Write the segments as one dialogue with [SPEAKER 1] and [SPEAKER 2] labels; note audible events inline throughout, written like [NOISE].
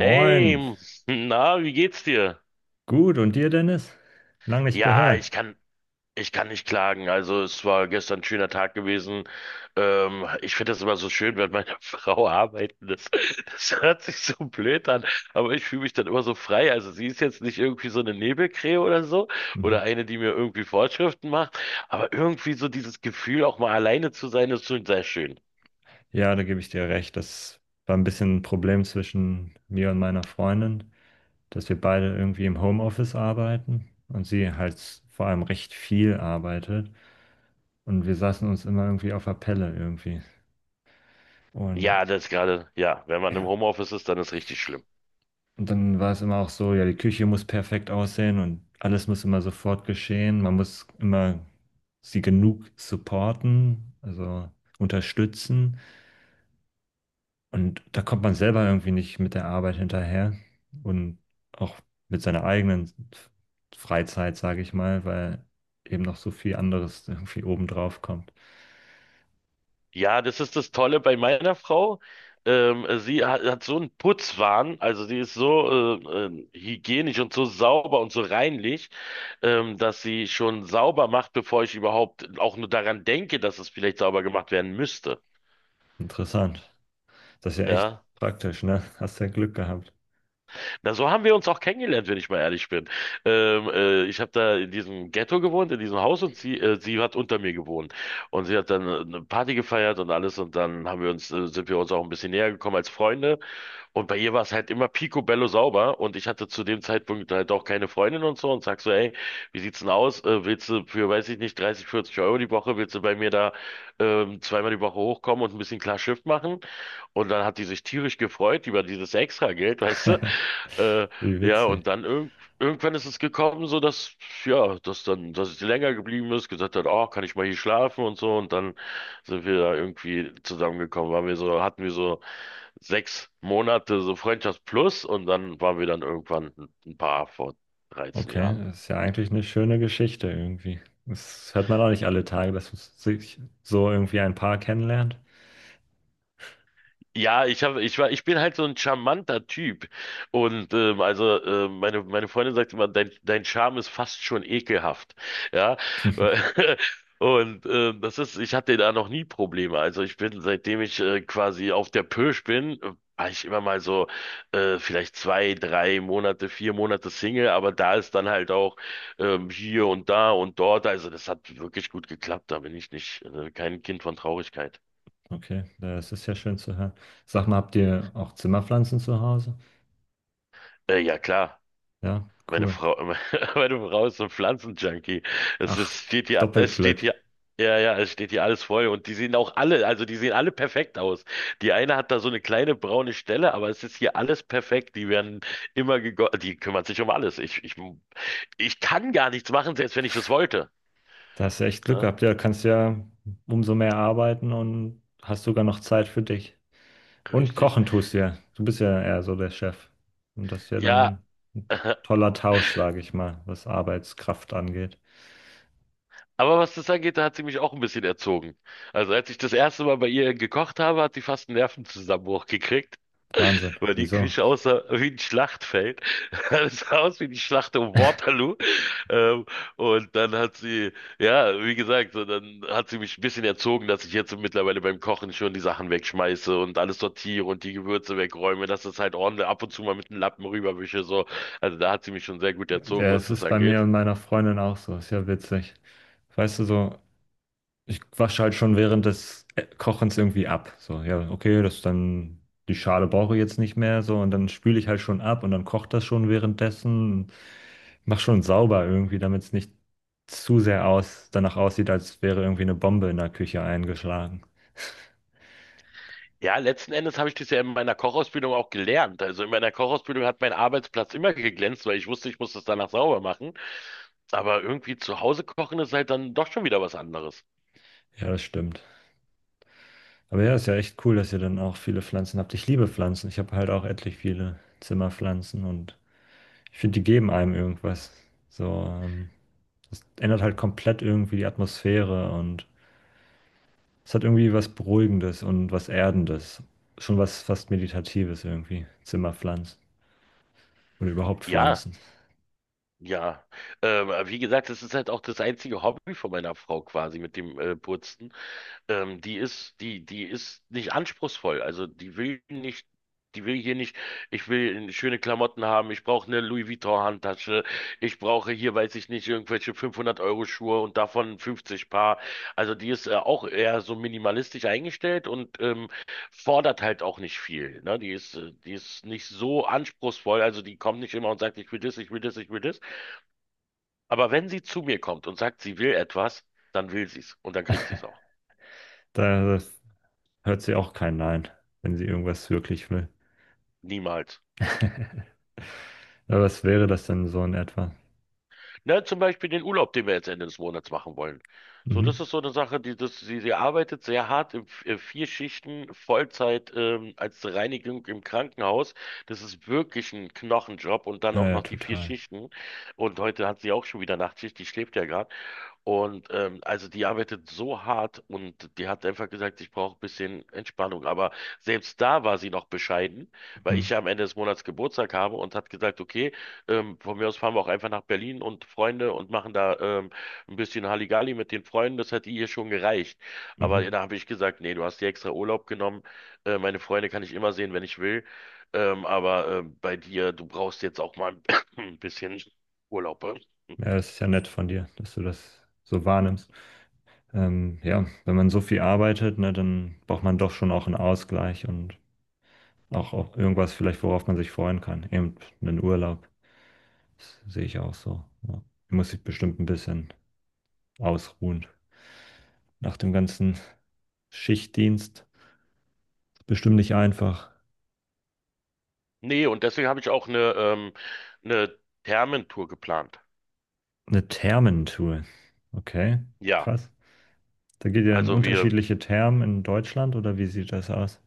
[SPEAKER 1] Moin.
[SPEAKER 2] [LAUGHS] na, wie geht's dir?
[SPEAKER 1] Gut, und dir, Dennis? Lang nicht
[SPEAKER 2] Ja,
[SPEAKER 1] gehört.
[SPEAKER 2] ich kann nicht klagen. Also es war gestern ein schöner Tag gewesen. Ich finde das immer so schön, wenn meine [LAUGHS] Frau arbeiten ist. [LAUGHS] Das hört sich so blöd an, aber ich fühle mich dann immer so frei. Also sie ist jetzt nicht irgendwie so eine Nebelkrähe oder so oder
[SPEAKER 1] Mhm.
[SPEAKER 2] eine, die mir irgendwie Vorschriften macht, aber irgendwie so dieses Gefühl, auch mal alleine zu sein, ist schon sehr schön.
[SPEAKER 1] Ja, da gebe ich dir recht. Das war ein bisschen ein Problem zwischen mir und meiner Freundin, dass wir beide irgendwie im Homeoffice arbeiten und sie halt vor allem recht viel arbeitet. Und wir saßen uns immer irgendwie auf der Pelle irgendwie. Und
[SPEAKER 2] Ja, das gerade, ja, wenn man im
[SPEAKER 1] ja,
[SPEAKER 2] Homeoffice ist, dann ist richtig schlimm.
[SPEAKER 1] und dann war es immer auch so, ja, die Küche muss perfekt aussehen und alles muss immer sofort geschehen. Man muss immer sie genug supporten, also unterstützen. Und da kommt man selber irgendwie nicht mit der Arbeit hinterher und auch mit seiner eigenen Freizeit, sage ich mal, weil eben noch so viel anderes irgendwie obendrauf kommt.
[SPEAKER 2] Ja, das ist das Tolle bei meiner Frau. Sie hat so einen Putzwahn, also sie ist so hygienisch und so sauber und so reinlich, dass sie schon sauber macht, bevor ich überhaupt auch nur daran denke, dass es vielleicht sauber gemacht werden müsste.
[SPEAKER 1] Interessant. Das ist ja echt
[SPEAKER 2] Ja,
[SPEAKER 1] praktisch, ne? Hast ja Glück gehabt.
[SPEAKER 2] na so haben wir uns auch kennengelernt, wenn ich mal ehrlich bin. Ich habe da in diesem Ghetto gewohnt, in diesem Haus und sie hat unter mir gewohnt. Und sie hat dann eine Party gefeiert und alles und dann sind wir uns auch ein bisschen näher gekommen als Freunde. Und bei ihr war es halt immer picobello sauber und ich hatte zu dem Zeitpunkt halt auch keine Freundin und so und sag so, ey, wie sieht's denn aus? Willst du für, weiß ich nicht, 30, 40 Euro die Woche, willst du bei mir da zweimal die Woche hochkommen und ein bisschen klar Schiff machen? Und dann hat die sich tierisch gefreut über dieses Extrageld, [LAUGHS] weißt du?
[SPEAKER 1] [LAUGHS]
[SPEAKER 2] Äh,
[SPEAKER 1] Wie
[SPEAKER 2] ja,
[SPEAKER 1] witzig.
[SPEAKER 2] und dann irgendwann ist es gekommen, so dass, ja, dass sie länger geblieben ist, gesagt hat, oh, kann ich mal hier schlafen und so. Und dann sind wir da irgendwie zusammengekommen, waren wir so, hatten wir so 6 Monate so Freundschaft plus und dann waren wir dann irgendwann ein Paar vor 13
[SPEAKER 1] Okay,
[SPEAKER 2] Jahren.
[SPEAKER 1] das ist ja eigentlich eine schöne Geschichte irgendwie. Das hört man auch nicht alle Tage, dass man sich so irgendwie ein Paar kennenlernt.
[SPEAKER 2] Ja, ich habe, ich war, ich bin halt so ein charmanter Typ. Und also meine Freundin sagt immer, dein Charme ist fast schon ekelhaft. Ja.
[SPEAKER 1] [LAUGHS]
[SPEAKER 2] [LAUGHS] Und ich hatte da noch nie Probleme. Also ich bin, seitdem ich quasi auf der Pirsch bin, war ich immer mal so vielleicht 2, 3 Monate, 4 Monate Single, aber da ist dann halt auch hier und da und dort. Also das hat wirklich gut geklappt. Da bin ich nicht kein Kind von Traurigkeit.
[SPEAKER 1] Okay, das ist ja schön zu hören. Sag mal, habt ihr auch Zimmerpflanzen zu Hause?
[SPEAKER 2] Ja klar.
[SPEAKER 1] Ja,
[SPEAKER 2] Meine
[SPEAKER 1] cool.
[SPEAKER 2] Frau, [LAUGHS] meine Frau ist so ein Pflanzenjunkie. Es
[SPEAKER 1] Ach,
[SPEAKER 2] ist, steht hier,
[SPEAKER 1] doppelt
[SPEAKER 2] es steht
[SPEAKER 1] Glück.
[SPEAKER 2] hier, ja, ja, es steht hier alles voll und die sehen auch alle, also die sehen alle perfekt aus. Die eine hat da so eine kleine braune Stelle, aber es ist hier alles perfekt. Die werden immer gegossen, die kümmert sich um alles. Ich kann gar nichts machen, selbst wenn ich es wollte.
[SPEAKER 1] Da hast du echt Glück
[SPEAKER 2] Ja,
[SPEAKER 1] gehabt. Ja, kannst ja umso mehr arbeiten und hast sogar noch Zeit für dich. Und
[SPEAKER 2] richtig.
[SPEAKER 1] kochen tust du ja. Du bist ja eher so der Chef. Und das ist ja
[SPEAKER 2] Ja,
[SPEAKER 1] dann ein
[SPEAKER 2] [LAUGHS]
[SPEAKER 1] toller Tausch, sage ich mal, was Arbeitskraft angeht.
[SPEAKER 2] aber was das angeht, da hat sie mich auch ein bisschen erzogen. Also als ich das erste Mal bei ihr gekocht habe, hat sie fast einen Nervenzusammenbruch gekriegt,
[SPEAKER 1] Wahnsinn.
[SPEAKER 2] weil die
[SPEAKER 1] Wieso?
[SPEAKER 2] Küche aussah wie ein Schlachtfeld. [LAUGHS] Es sah aus wie die Schlacht um Waterloo. Ähm, und dann hat sie, ja, wie gesagt, so, dann hat sie mich ein bisschen erzogen, dass ich jetzt mittlerweile beim Kochen schon die Sachen wegschmeiße und alles sortiere und die Gewürze wegräume, dass das halt ordentlich ab und zu mal mit dem Lappen rüberwische, so. Also da hat sie mich schon sehr gut erzogen,
[SPEAKER 1] Ja,
[SPEAKER 2] was
[SPEAKER 1] es
[SPEAKER 2] das
[SPEAKER 1] ist bei mir
[SPEAKER 2] angeht.
[SPEAKER 1] und meiner Freundin auch so. Ist ja witzig. Weißt du, so ich wasche halt schon während des Kochens irgendwie ab. So, ja, okay, das ist dann, die Schale brauche ich jetzt nicht mehr, so, und dann spüle ich halt schon ab und dann kocht das schon währenddessen. Mach schon sauber irgendwie, damit es nicht zu sehr aus, danach aussieht, als wäre irgendwie eine Bombe in der Küche eingeschlagen. [LAUGHS]
[SPEAKER 2] Ja, letzten Endes habe ich das ja in meiner Kochausbildung auch gelernt. Also in meiner Kochausbildung hat mein Arbeitsplatz immer geglänzt, weil ich wusste, ich muss das danach sauber machen. Aber irgendwie zu Hause kochen ist halt dann doch schon wieder was anderes.
[SPEAKER 1] Ja, das stimmt. Aber ja, ist ja echt cool, dass ihr dann auch viele Pflanzen habt. Ich liebe Pflanzen. Ich habe halt auch etlich viele Zimmerpflanzen und ich finde, die geben einem irgendwas. So, das ändert halt komplett irgendwie die Atmosphäre und es hat irgendwie was Beruhigendes und was Erdendes. Schon was fast Meditatives irgendwie. Zimmerpflanzen oder überhaupt
[SPEAKER 2] Ja,
[SPEAKER 1] Pflanzen.
[SPEAKER 2] ja. Wie gesagt, das ist halt auch das einzige Hobby von meiner Frau quasi mit dem Putzen. Die ist nicht anspruchsvoll. Also die will nicht, die will hier nicht, ich will schöne Klamotten haben, ich brauche eine Louis Vuitton-Handtasche, ich brauche hier, weiß ich nicht, irgendwelche 500-Euro-Schuhe und davon 50 Paar. Also die ist auch eher so minimalistisch eingestellt und fordert halt auch nicht viel. Ne? Die ist nicht so anspruchsvoll. Also die kommt nicht immer und sagt, ich will das, ich will das, ich will das. Aber wenn sie zu mir kommt und sagt, sie will etwas, dann will sie es und dann kriegt sie es auch.
[SPEAKER 1] Da hört sie auch kein Nein, wenn sie irgendwas wirklich will.
[SPEAKER 2] Niemals.
[SPEAKER 1] [LAUGHS] Aber was wäre das denn so in etwa?
[SPEAKER 2] Ne, zum Beispiel den Urlaub, den wir jetzt Ende des Monats machen wollen. So, das
[SPEAKER 1] Mhm.
[SPEAKER 2] ist so eine Sache, sie arbeitet sehr hart in vier Schichten, Vollzeit, als Reinigung im Krankenhaus. Das ist wirklich ein Knochenjob und dann
[SPEAKER 1] Ja,
[SPEAKER 2] auch
[SPEAKER 1] ja,
[SPEAKER 2] noch die vier
[SPEAKER 1] total.
[SPEAKER 2] Schichten. Und heute hat sie auch schon wieder Nachtschicht, die schläft ja gerade. Und also die arbeitet so hart und die hat einfach gesagt, ich brauche ein bisschen Entspannung. Aber selbst da war sie noch bescheiden, weil ich
[SPEAKER 1] Mhm.
[SPEAKER 2] ja am Ende des Monats Geburtstag habe und hat gesagt, okay, von mir aus fahren wir auch einfach nach Berlin und Freunde und machen da ein bisschen Halligalli mit den Freunden. Das hat ihr schon gereicht. Aber
[SPEAKER 1] Mhm.
[SPEAKER 2] da habe ich gesagt, nee, du hast dir extra Urlaub genommen. Meine Freunde kann ich immer sehen, wenn ich will. Aber bei dir, du brauchst jetzt auch mal [COUGHS] [CLEARS THROAT] ein bisschen Urlaub.
[SPEAKER 1] Ja, das ist ja nett von dir, dass du das so wahrnimmst. Ja, wenn man so viel arbeitet, ne, dann braucht man doch schon auch einen Ausgleich und auch, auch irgendwas vielleicht, worauf man sich freuen kann. Eben einen Urlaub. Das sehe ich auch so. Ja. Muss sich bestimmt ein bisschen ausruhen. Nach dem ganzen Schichtdienst. Bestimmt nicht einfach.
[SPEAKER 2] Nee, und deswegen habe ich auch eine Thermentour geplant.
[SPEAKER 1] Eine Thermentour. Okay,
[SPEAKER 2] Ja,
[SPEAKER 1] krass. Da geht ihr in
[SPEAKER 2] also wir,
[SPEAKER 1] unterschiedliche Thermen in Deutschland oder wie sieht das aus?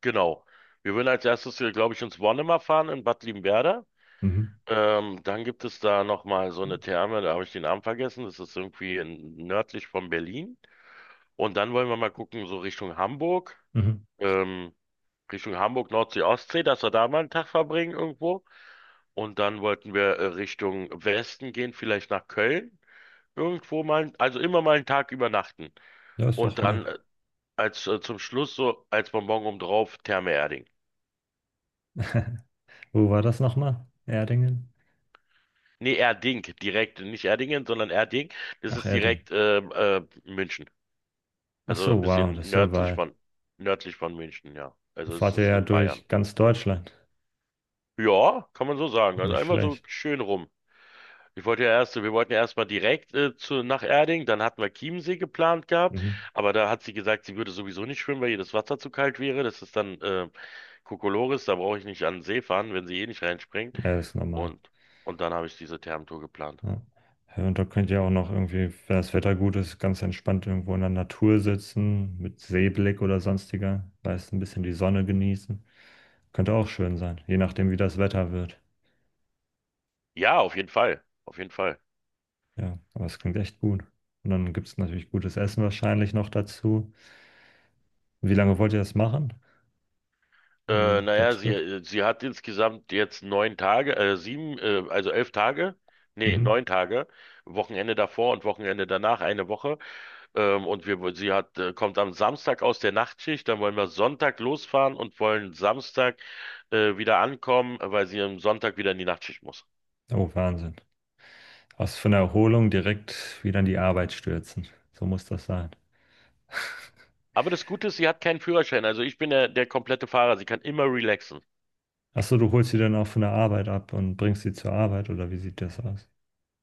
[SPEAKER 2] genau. Wir würden als erstes, glaube ich, ins Wonnemar fahren in Bad Liebenwerda.
[SPEAKER 1] Mhm.
[SPEAKER 2] Dann gibt es da nochmal so eine Therme, da habe ich den Namen vergessen. Das ist irgendwie nördlich von Berlin. Und dann wollen wir mal gucken, so
[SPEAKER 1] Mhm.
[SPEAKER 2] ähm, Richtung Hamburg, Nordsee, Ostsee, dass wir da mal einen Tag verbringen irgendwo. Und dann wollten wir Richtung Westen gehen, vielleicht nach Köln irgendwo mal, also immer mal einen Tag übernachten.
[SPEAKER 1] Ja, ist
[SPEAKER 2] Und
[SPEAKER 1] doch nett.
[SPEAKER 2] dann als zum Schluss so als Bonbon oben drauf Therme Erding.
[SPEAKER 1] [LAUGHS] Wo war das nochmal? Erdingen?
[SPEAKER 2] Nee, Erding, direkt, nicht Erdingen, sondern Erding. Das
[SPEAKER 1] Ach,
[SPEAKER 2] ist
[SPEAKER 1] Erding.
[SPEAKER 2] direkt München.
[SPEAKER 1] Ach
[SPEAKER 2] Also
[SPEAKER 1] so,
[SPEAKER 2] ein
[SPEAKER 1] wow,
[SPEAKER 2] bisschen
[SPEAKER 1] das ist ja
[SPEAKER 2] nördlich
[SPEAKER 1] weit.
[SPEAKER 2] von München, ja.
[SPEAKER 1] Da
[SPEAKER 2] Also es
[SPEAKER 1] fahrt ihr
[SPEAKER 2] ist
[SPEAKER 1] ja
[SPEAKER 2] in Bayern.
[SPEAKER 1] durch ganz Deutschland.
[SPEAKER 2] Ja, kann man so sagen. Also
[SPEAKER 1] Nicht
[SPEAKER 2] einmal so
[SPEAKER 1] schlecht.
[SPEAKER 2] schön rum. Ich wollte ja erst, wir wollten ja erstmal direkt nach Erding, dann hatten wir Chiemsee geplant gehabt,
[SPEAKER 1] Mhm.
[SPEAKER 2] aber da hat sie gesagt, sie würde sowieso nicht schwimmen, weil ihr das Wasser zu kalt wäre. Das ist dann Kokolores, da brauche ich nicht an den See fahren, wenn sie eh nicht reinspringt.
[SPEAKER 1] Ja, das ist normal.
[SPEAKER 2] Und, und dann habe ich diese Thermtour geplant.
[SPEAKER 1] Ja. Ja, und da könnt ihr auch noch irgendwie, wenn das Wetter gut ist, ganz entspannt irgendwo in der Natur sitzen, mit Seeblick oder sonstiger, weißt, ein bisschen die Sonne genießen. Könnte auch schön sein, je nachdem, wie das Wetter wird.
[SPEAKER 2] Ja, auf jeden Fall. Auf jeden Fall.
[SPEAKER 1] Ja, aber es klingt echt gut. Und dann gibt es natürlich gutes Essen wahrscheinlich noch dazu. Wie lange wollt ihr das machen? So wie der
[SPEAKER 2] Naja,
[SPEAKER 1] Trip?
[SPEAKER 2] sie hat insgesamt jetzt 9 Tage, sieben, also 11 Tage. Nee,
[SPEAKER 1] Mhm.
[SPEAKER 2] 9 Tage. Wochenende davor und Wochenende danach, eine Woche. Und wir, sie hat, kommt am Samstag aus der Nachtschicht, dann wollen wir Sonntag losfahren und wollen Samstag, wieder ankommen, weil sie am Sonntag wieder in die Nachtschicht muss.
[SPEAKER 1] Oh, Wahnsinn. Aus von der Erholung direkt wieder in die Arbeit stürzen. So muss das sein. [LAUGHS]
[SPEAKER 2] Aber das Gute ist, sie hat keinen Führerschein. Also ich bin der komplette Fahrer. Sie kann immer relaxen.
[SPEAKER 1] Ach so, du holst sie dann auch von der Arbeit ab und bringst sie zur Arbeit oder wie sieht das aus?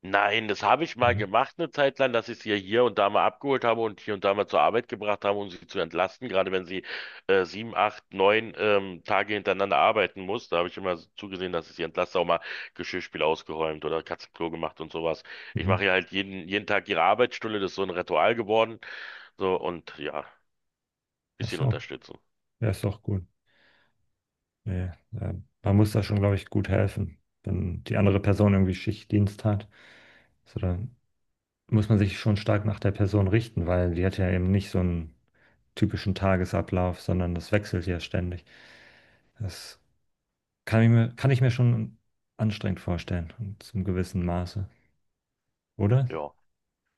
[SPEAKER 2] Nein, das habe ich mal
[SPEAKER 1] Ja.
[SPEAKER 2] gemacht eine Zeit lang, dass ich sie ja hier und da mal abgeholt habe und hier und da mal zur Arbeit gebracht habe, um sie zu entlasten, gerade wenn sie 7, 8, 9 Tage hintereinander arbeiten muss. Da habe ich immer zugesehen, dass ich sie entlaste, auch mal Geschirrspül ausgeräumt oder Katzenklo gemacht und sowas. Ich
[SPEAKER 1] Mhm.
[SPEAKER 2] mache ja halt jeden Tag ihre Arbeitsstunde, das ist so ein Ritual geworden. So und ja,
[SPEAKER 1] Ach
[SPEAKER 2] bisschen
[SPEAKER 1] so,
[SPEAKER 2] unterstützen.
[SPEAKER 1] ja, ist doch gut. Nee, ja. Man muss da schon, glaube ich, gut helfen, wenn die andere Person irgendwie Schichtdienst hat. So, dann muss man sich schon stark nach der Person richten, weil die hat ja eben nicht so einen typischen Tagesablauf, sondern das wechselt ja ständig. Das kann ich mir schon anstrengend vorstellen, und zum gewissen Maße, oder?
[SPEAKER 2] Ja.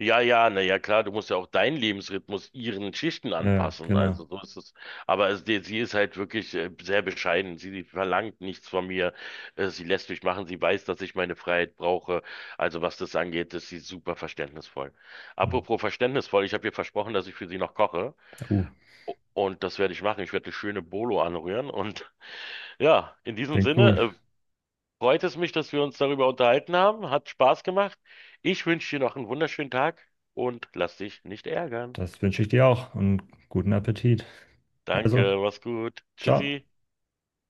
[SPEAKER 2] Ja, ja, na ja, klar, du musst ja auch deinen Lebensrhythmus ihren Schichten
[SPEAKER 1] Ja,
[SPEAKER 2] anpassen.
[SPEAKER 1] genau.
[SPEAKER 2] Also so ist es. Aber es, sie ist halt wirklich sehr bescheiden. Sie verlangt nichts von mir. Sie lässt mich machen. Sie weiß, dass ich meine Freiheit brauche. Also was das angeht, ist sie super verständnisvoll.
[SPEAKER 1] Hm.
[SPEAKER 2] Apropos verständnisvoll, ich habe ihr versprochen, dass ich für sie noch koche.
[SPEAKER 1] Uh,
[SPEAKER 2] Und das werde ich machen. Ich werde eine schöne Bolo anrühren. Und [LAUGHS] ja, in diesem
[SPEAKER 1] klingt
[SPEAKER 2] Sinne,
[SPEAKER 1] gut.
[SPEAKER 2] freut es mich, dass wir uns darüber unterhalten haben. Hat Spaß gemacht. Ich wünsche dir noch einen wunderschönen Tag und lass dich nicht ärgern.
[SPEAKER 1] Das wünsche ich dir auch und guten Appetit. Also,
[SPEAKER 2] Danke, mach's gut.
[SPEAKER 1] ciao.
[SPEAKER 2] Tschüssi.